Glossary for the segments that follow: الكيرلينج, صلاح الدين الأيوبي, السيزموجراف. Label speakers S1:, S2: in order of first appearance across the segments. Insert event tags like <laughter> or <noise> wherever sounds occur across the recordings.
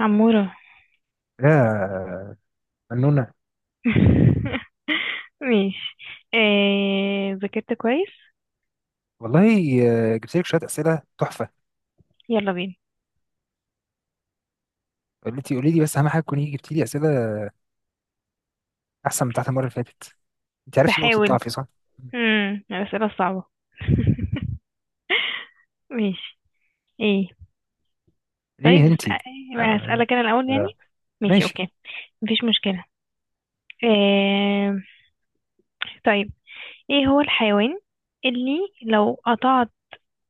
S1: عمورة
S2: يا فنونة.
S1: <laughs> ماشي. ذاكرت كويس.
S2: والله، جبت لك شوية أسئلة تحفة.
S1: يلا بينا.
S2: قلت لي قولي لي بس أهم حاجة تكوني جبتي لي أسئلة أحسن من بتاعت المرة اللي فاتت. أنت عرفتي نقطة
S1: بحاول.
S2: ضعفي صح؟
S1: الأسئلة الصعبة. <laughs> ماشي. ايه؟ طيب
S2: ليه
S1: بس
S2: أنت؟ آه.
S1: هسألك انا الأول يعني.
S2: آه.
S1: ماشي
S2: ماشي.
S1: اوكي، مفيش مشكلة. آه... طيب، ايه هو الحيوان اللي لو قطعت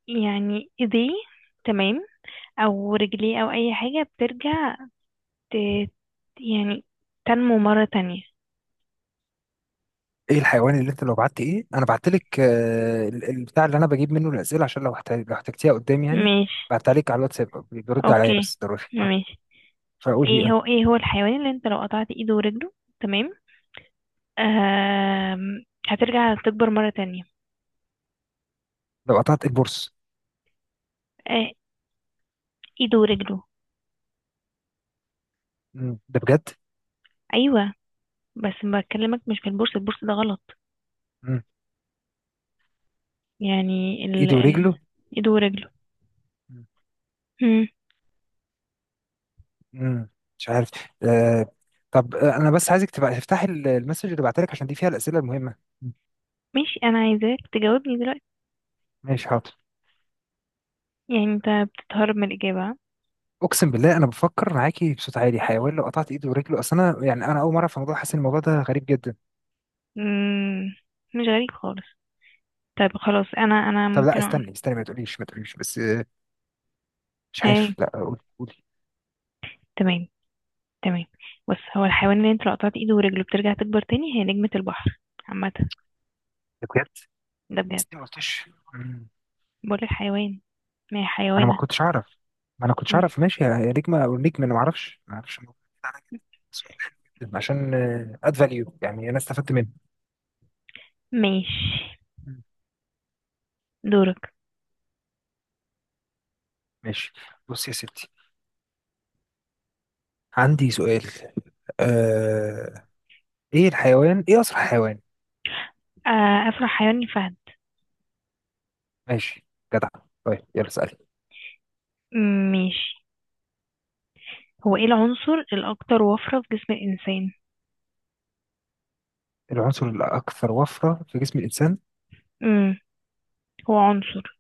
S1: يعني ايديه، تمام، او رجليه او اي حاجة بترجع ت... يعني تنمو مرة تانية؟
S2: إيه الحيوان اللي أنت لو بعت إيه؟ أنا بعت لك، البتاع اللي أنا بجيب منه الأسئلة، عشان لو لو احتجتيها قدام يعني.
S1: ماشي
S2: بعتها لك على الواتساب، بيرد عليا
S1: اوكي.
S2: بس ضروري. آه.
S1: ماشي.
S2: فأقول هي إيه؟
S1: ايه
S2: آه.
S1: هو ايه هو الحيوان اللي انت لو قطعت ايده ورجله، تمام، هترجع تكبر مرة تانية؟
S2: لو قطعت البورص؟
S1: آه... ايده ورجله.
S2: مم. ده بجد؟
S1: ايوه، بس بكلمك مش في البورصة، البورصة ده غلط
S2: مم.
S1: يعني.
S2: إيده ورجله.
S1: ايده ورجله. مم.
S2: مم. مش عارف. آه. طب، انا بس عايزك تبقى تفتحي المسج اللي بعتلك، عشان دي فيها الاسئله المهمه. مم.
S1: ماشي، انا عايزاك تجاوبني دلوقتي.
S2: ماشي حاضر.
S1: يعني انت بتتهرب من الاجابة ها؟
S2: اقسم بالله انا بفكر معاكي بصوت عالي. حيوان لو قطعت ايده ورجله، اصل انا يعني انا اول مره في الموضوع، حاسس ان الموضوع ده غريب جدا.
S1: مم. مش غريب خالص. طيب خلاص، انا
S2: طب لا
S1: ممكن اقول.
S2: استني استني، ما تقوليش ما تقوليش بس. مش
S1: هاي،
S2: عارف. لا قولي قولي.
S1: تمام تمام. بص، هو الحيوان اللي انت لو قطعت ايده ورجله بترجع تكبر تاني هي نجمة البحر. عامة،
S2: ده بجد؟
S1: ده
S2: بس
S1: بجد.
S2: ليه ما قلتش؟ مم.
S1: بقول الحيوان، ما هي
S2: انا ما
S1: حيوانة.
S2: كنتش اعرف. ما انا كنتش
S1: مم.
S2: اعرف. ماشي يا نجمه او نجم، انا ما اعرفش ما اعرفش. الموضوع ده عليا جداً. سؤال حلو جداً، عشان اد فاليو يعني انا استفدت منه.
S1: ماشي.
S2: مم.
S1: دورك.
S2: ماشي، بص يا ستي. عندي سؤال. آه... ايه الحيوان، ايه اسرع حيوان؟
S1: آه، أسرع حيوان الفهد.
S2: ماشي، جدع. طيب يلا اسال.
S1: مم، ماشي. هو ايه العنصر الأكثر وفرة في جسم الإنسان؟
S2: العنصر الاكثر وفرة في جسم الانسان؟
S1: مم. هو عنصر،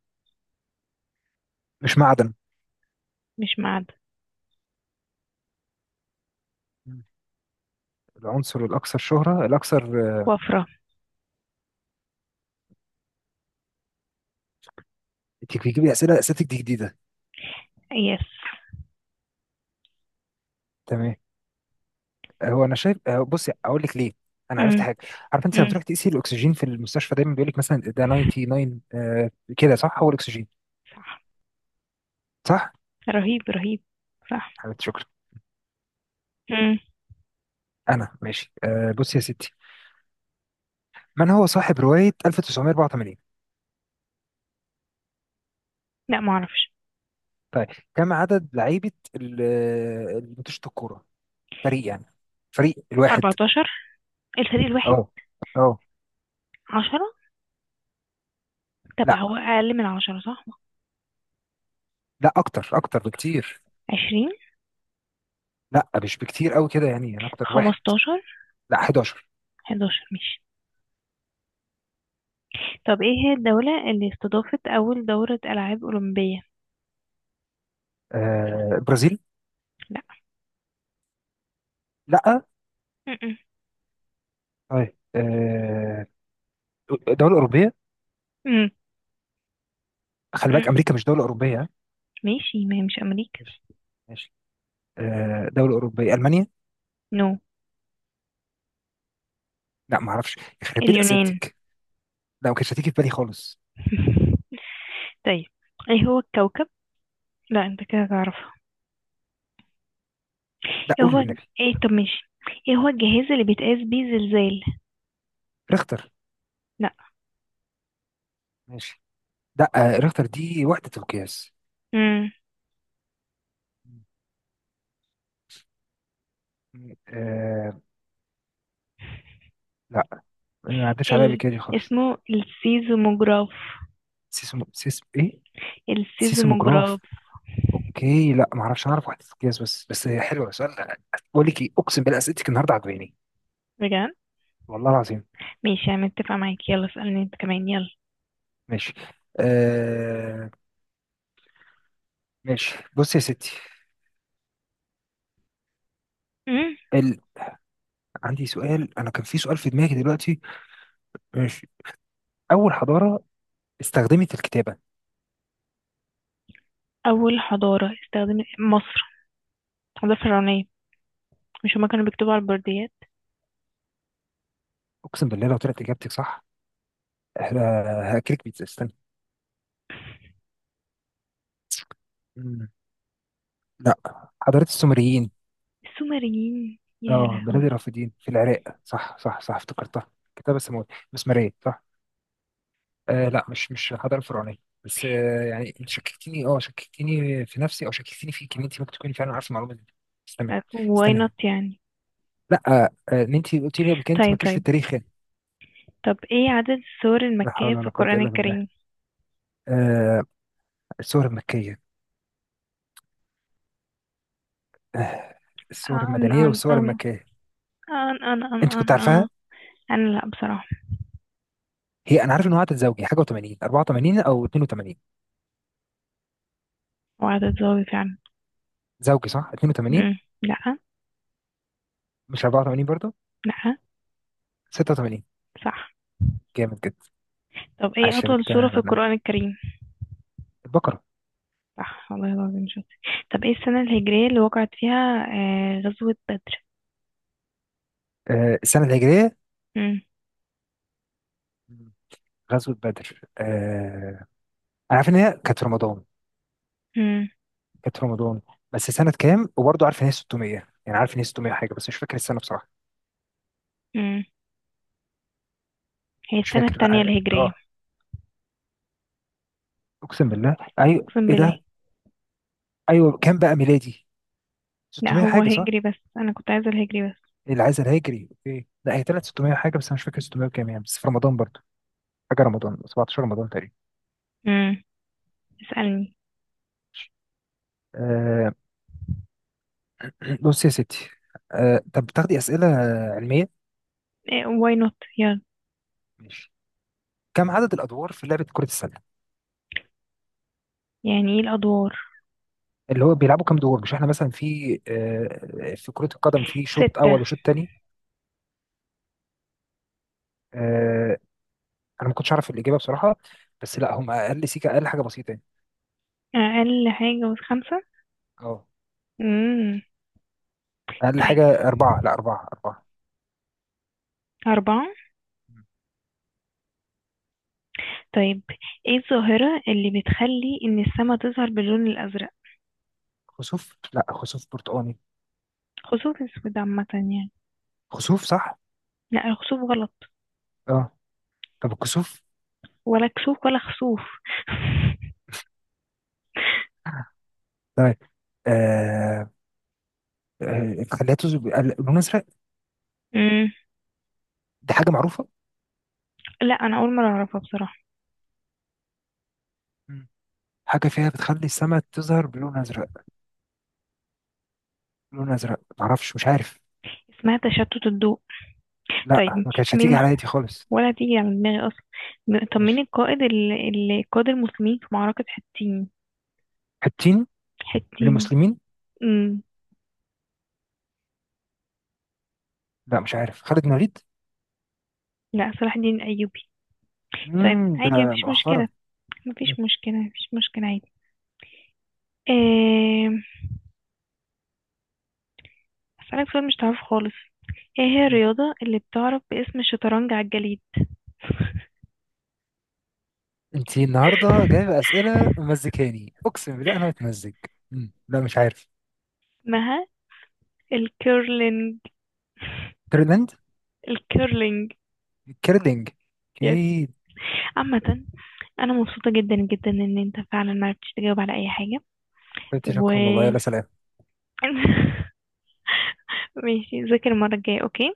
S2: مش معدن.
S1: مش معدن.
S2: مم. العنصر الاكثر شهرة، الاكثر،
S1: وفرة.
S2: انت بتجيب لي اسئله، اسئله دي جديده.
S1: يس.
S2: تمام. هو انا شايف، بصي اقول لك ليه. انا عرفت
S1: مم.
S2: حاجه. عارف انت لما
S1: مم.
S2: تروح تقيسي الاكسجين في المستشفى دايما بيقول لك مثلا ده 99، كده صح، هو الاكسجين؟
S1: صح.
S2: صح.
S1: رهيب رهيب. صح.
S2: حبيبتي شكرا.
S1: مم.
S2: انا ماشي. بصي يا ستي، من هو صاحب روايه 1984؟
S1: لا معرفش.
S2: طيب، كم عدد لعيبة اللي بتشوط الكورة، فريق يعني، فريق الواحد؟
S1: 14، الفريق الواحد.
S2: اه. اه.
S1: 10. طب
S2: لا.
S1: هو أقل من 10 صح؟
S2: لا اكتر اكتر بكتير.
S1: 20.
S2: لا مش بكتير قوي كده يعني، يعني اكتر واحد.
S1: 15.
S2: لا، 11.
S1: 11 ماشي. طب ايه هي الدولة اللي استضافت أول دورة ألعاب أولمبية؟
S2: آه برازيل.
S1: لا.
S2: لا.
S1: م-م.
S2: طيب، آه دولة أوروبية. خلي
S1: مم.
S2: بالك أمريكا مش دولة أوروبية ها؟
S1: ماشي، ما هي مش أمريكا.
S2: ماشي. ماشي. آه دولة أوروبية، ألمانيا.
S1: نو.
S2: لا ما اعرفش. يخرب بيت
S1: اليونان.
S2: أسئلتك. لا ما كانتش هتيجي في بالي خالص.
S1: <laughs> طيب، ايه هو الكوكب. لا انت كده تعرفه.
S2: لا
S1: ايه
S2: قولي
S1: هو.
S2: والنبي.
S1: ايه؟ طب ماشي. ايه هو الجهاز اللي بيتقاس بيه زلزال؟
S2: ريختر.
S1: لا.
S2: ماشي. لا. آه ريختر دي وحدة القياس.
S1: امم.
S2: آه. لا. ما عداش عليا قبل
S1: ال...
S2: كده دي خالص.
S1: اسمه السيزموجراف.
S2: سيسم سيسم ايه؟
S1: السيزموجراف.
S2: سيسموجراف. اوكي لا ما اعرفش، اعرف واحد قياس بس. بس هي حلوه سؤال. بقول لك ايه، اقسم بالله اسئلتك النهارده عجباني.
S1: بجد.
S2: والله العظيم.
S1: ماشي، انا متفقة معاك. يلا اسألني انت كمان، يلا.
S2: ماشي. آه. ماشي، بص يا ستي.
S1: امم.
S2: ال... عندي سؤال، انا كان في سؤال في دماغي دلوقتي. ماشي. اول حضاره استخدمت الكتابه؟
S1: اول حضارة استخدمت، مصر، الحضارة الفرعونية. مش هما كانوا بيكتبوا على البرديات؟
S2: اقسم بالله لو طلعت اجابتك صح، هاكلك بيتزا استنى. مم. لا، حضاره السومريين.
S1: السومريين، يا
S2: اه بلاد
S1: لهوي.
S2: الرافدين في العراق، صح صح صح، افتكرتها. كتاب السماوي، مسمارية صح. آه لا، مش حضارة فرعونية. بس آه يعني انت شككتني، اه شككتني في نفسي، او شككتني فيك، ان انت ممكن تكوني فعلا عارفه المعلومة دي. بس تمام.
S1: واي
S2: استنى.
S1: نوت يعني.
S2: لا، ان انت قلت لي قبل كده انت
S1: طيب،
S2: مالكيش في
S1: طيب،
S2: التاريخ يعني.
S1: طب ايه عدد السور
S2: لا
S1: المكية
S2: حول
S1: في
S2: ولا قوة
S1: القرآن
S2: الا بالله.
S1: الكريم؟
S2: آه. الصور المكية. آه. الصور
S1: أن
S2: المدنية
S1: أن
S2: والصور
S1: أن
S2: المكية.
S1: أن أن أن
S2: انت كنت
S1: أن أن
S2: عارفاها؟
S1: أنا لأ بصراحة.
S2: هي انا عارف ان هو عدد زوجي حاجة، و80، 84 او 82.
S1: هو عدد ظاهري فعلا.
S2: زوجي صح، 82؟
S1: مم. لأ.
S2: مش 84 برضه؟
S1: لأ.
S2: 86؟
S1: صح.
S2: جامد جدا.
S1: طب ايه
S2: عشرة،
S1: أطول سورة في
S2: من
S1: القرآن الكريم؟
S2: البقرة.
S1: صح والله العظيم، شاطر. طب ايه السنة الهجرية اللي وقعت فيها آه غزوة بدر؟
S2: آه السنة الهجرية.
S1: مم.
S2: مم. غزوة بدر آه، أنا عارف إن هي كانت في رمضان.
S1: مم.
S2: كانت في رمضان، بس سنة كام؟ وبرضه عارف إن هي 600 يعني، عارف إن هي 600 حاجة، بس مش فاكر السنة بصراحة.
S1: مم. هي
S2: مش
S1: السنة
S2: فاكر،
S1: التانية
S2: لا. آه
S1: الهجرية.
S2: آه، أقسم بالله أيوه،
S1: أقسم
S2: إيه
S1: بالله.
S2: ده؟ أيوه كام بقى ميلادي؟
S1: لأ
S2: 600
S1: هو
S2: حاجة صح.
S1: هجري، بس أنا كنت عايزة الهجري بس.
S2: العزل الهجري أوكي. لا هي طلعت 600 حاجة، بس أنا مش فاكر 600 كام يعني، بس في رمضان برضه حاجة، رمضان 17، رمضان تقريبا.
S1: مم. اسألني.
S2: آه. <clears throat> بص يا ستي، آه طب بتاخدي أسئلة علمية؟
S1: إيه واي نوت، يلا.
S2: ماشي. كم عدد الادوار في لعبه كره السله؟
S1: يعني ايه الأدوار؟
S2: اللي هو بيلعبوا كام دور، مش احنا مثلا في، في كره القدم في شوط
S1: ستة.
S2: اول وشوط تاني. آه، انا ما كنتش اعرف الاجابه بصراحه. بس لا هم اقل سيكه، اقل حاجه بسيطه يعني.
S1: أقل حاجة من خمسة.
S2: اه.
S1: امم.
S2: اقل
S1: طيب.
S2: حاجه اربعه. لا اربعه اربعه.
S1: أربعة. طيب، ايه الظاهرة اللي بتخلي إن السما تظهر باللون الأزرق؟
S2: خسوف. لا خسوف برتقاني.
S1: خسوف أسود عامة يعني.
S2: خسوف صح.
S1: لا الخسوف غلط.
S2: اه. طب الكسوف.
S1: ولا كسوف ولا خسوف.
S2: طيب. آه. خليته بقى لون ازرق.
S1: <laughs> امم.
S2: دي حاجه معروفه.
S1: لا أنا أول مرة أعرفها بصراحة.
S2: مم. حاجه فيها بتخلي السماء تظهر بلون ازرق. لون ازرق معرفش، مش عارف.
S1: اسمها تشتت الضوء. طيب.
S2: لا ما كانتش هتيجي
S1: مين.
S2: عليا دي خالص.
S1: ولا تيجي على دماغي أصلا. طب
S2: ماشي.
S1: مين القائد اللي قاد المسلمين في معركة حطين؟
S2: حتين؟ من
S1: حطين.
S2: المسلمين؟
S1: امم.
S2: لا مش عارف، خالد الوليد.
S1: لا، صلاح الدين الأيوبي. طيب
S2: ده
S1: عادي، مفيش
S2: مؤخرا.
S1: مشكلة، مفيش
S2: مم.
S1: مشكلة، مفيش مشكلة، عادي. إيه... أسألك سؤال مش تعرفه خالص. ايه هي
S2: مم.
S1: الرياضة اللي بتعرف باسم الشطرنج على الجليد؟
S2: انتي النهارده جايبه
S1: <laughs>
S2: اسئله مزكاني، اقسم بالله انا متمزج. مم. لا مش عارف.
S1: اسمها الكيرلينج.
S2: تايلاند.
S1: الكيرلينج.
S2: كيرلينج.
S1: يس.
S2: اكيد.
S1: عامة، أنا مبسوطة جدا جدا إن أنت فعلا معرفتش تجاوب على أي حاجة. و
S2: شكرا والله، يلا سلام.
S1: <laughs> ماشي، ذاكر المرة الجاية، أوكي.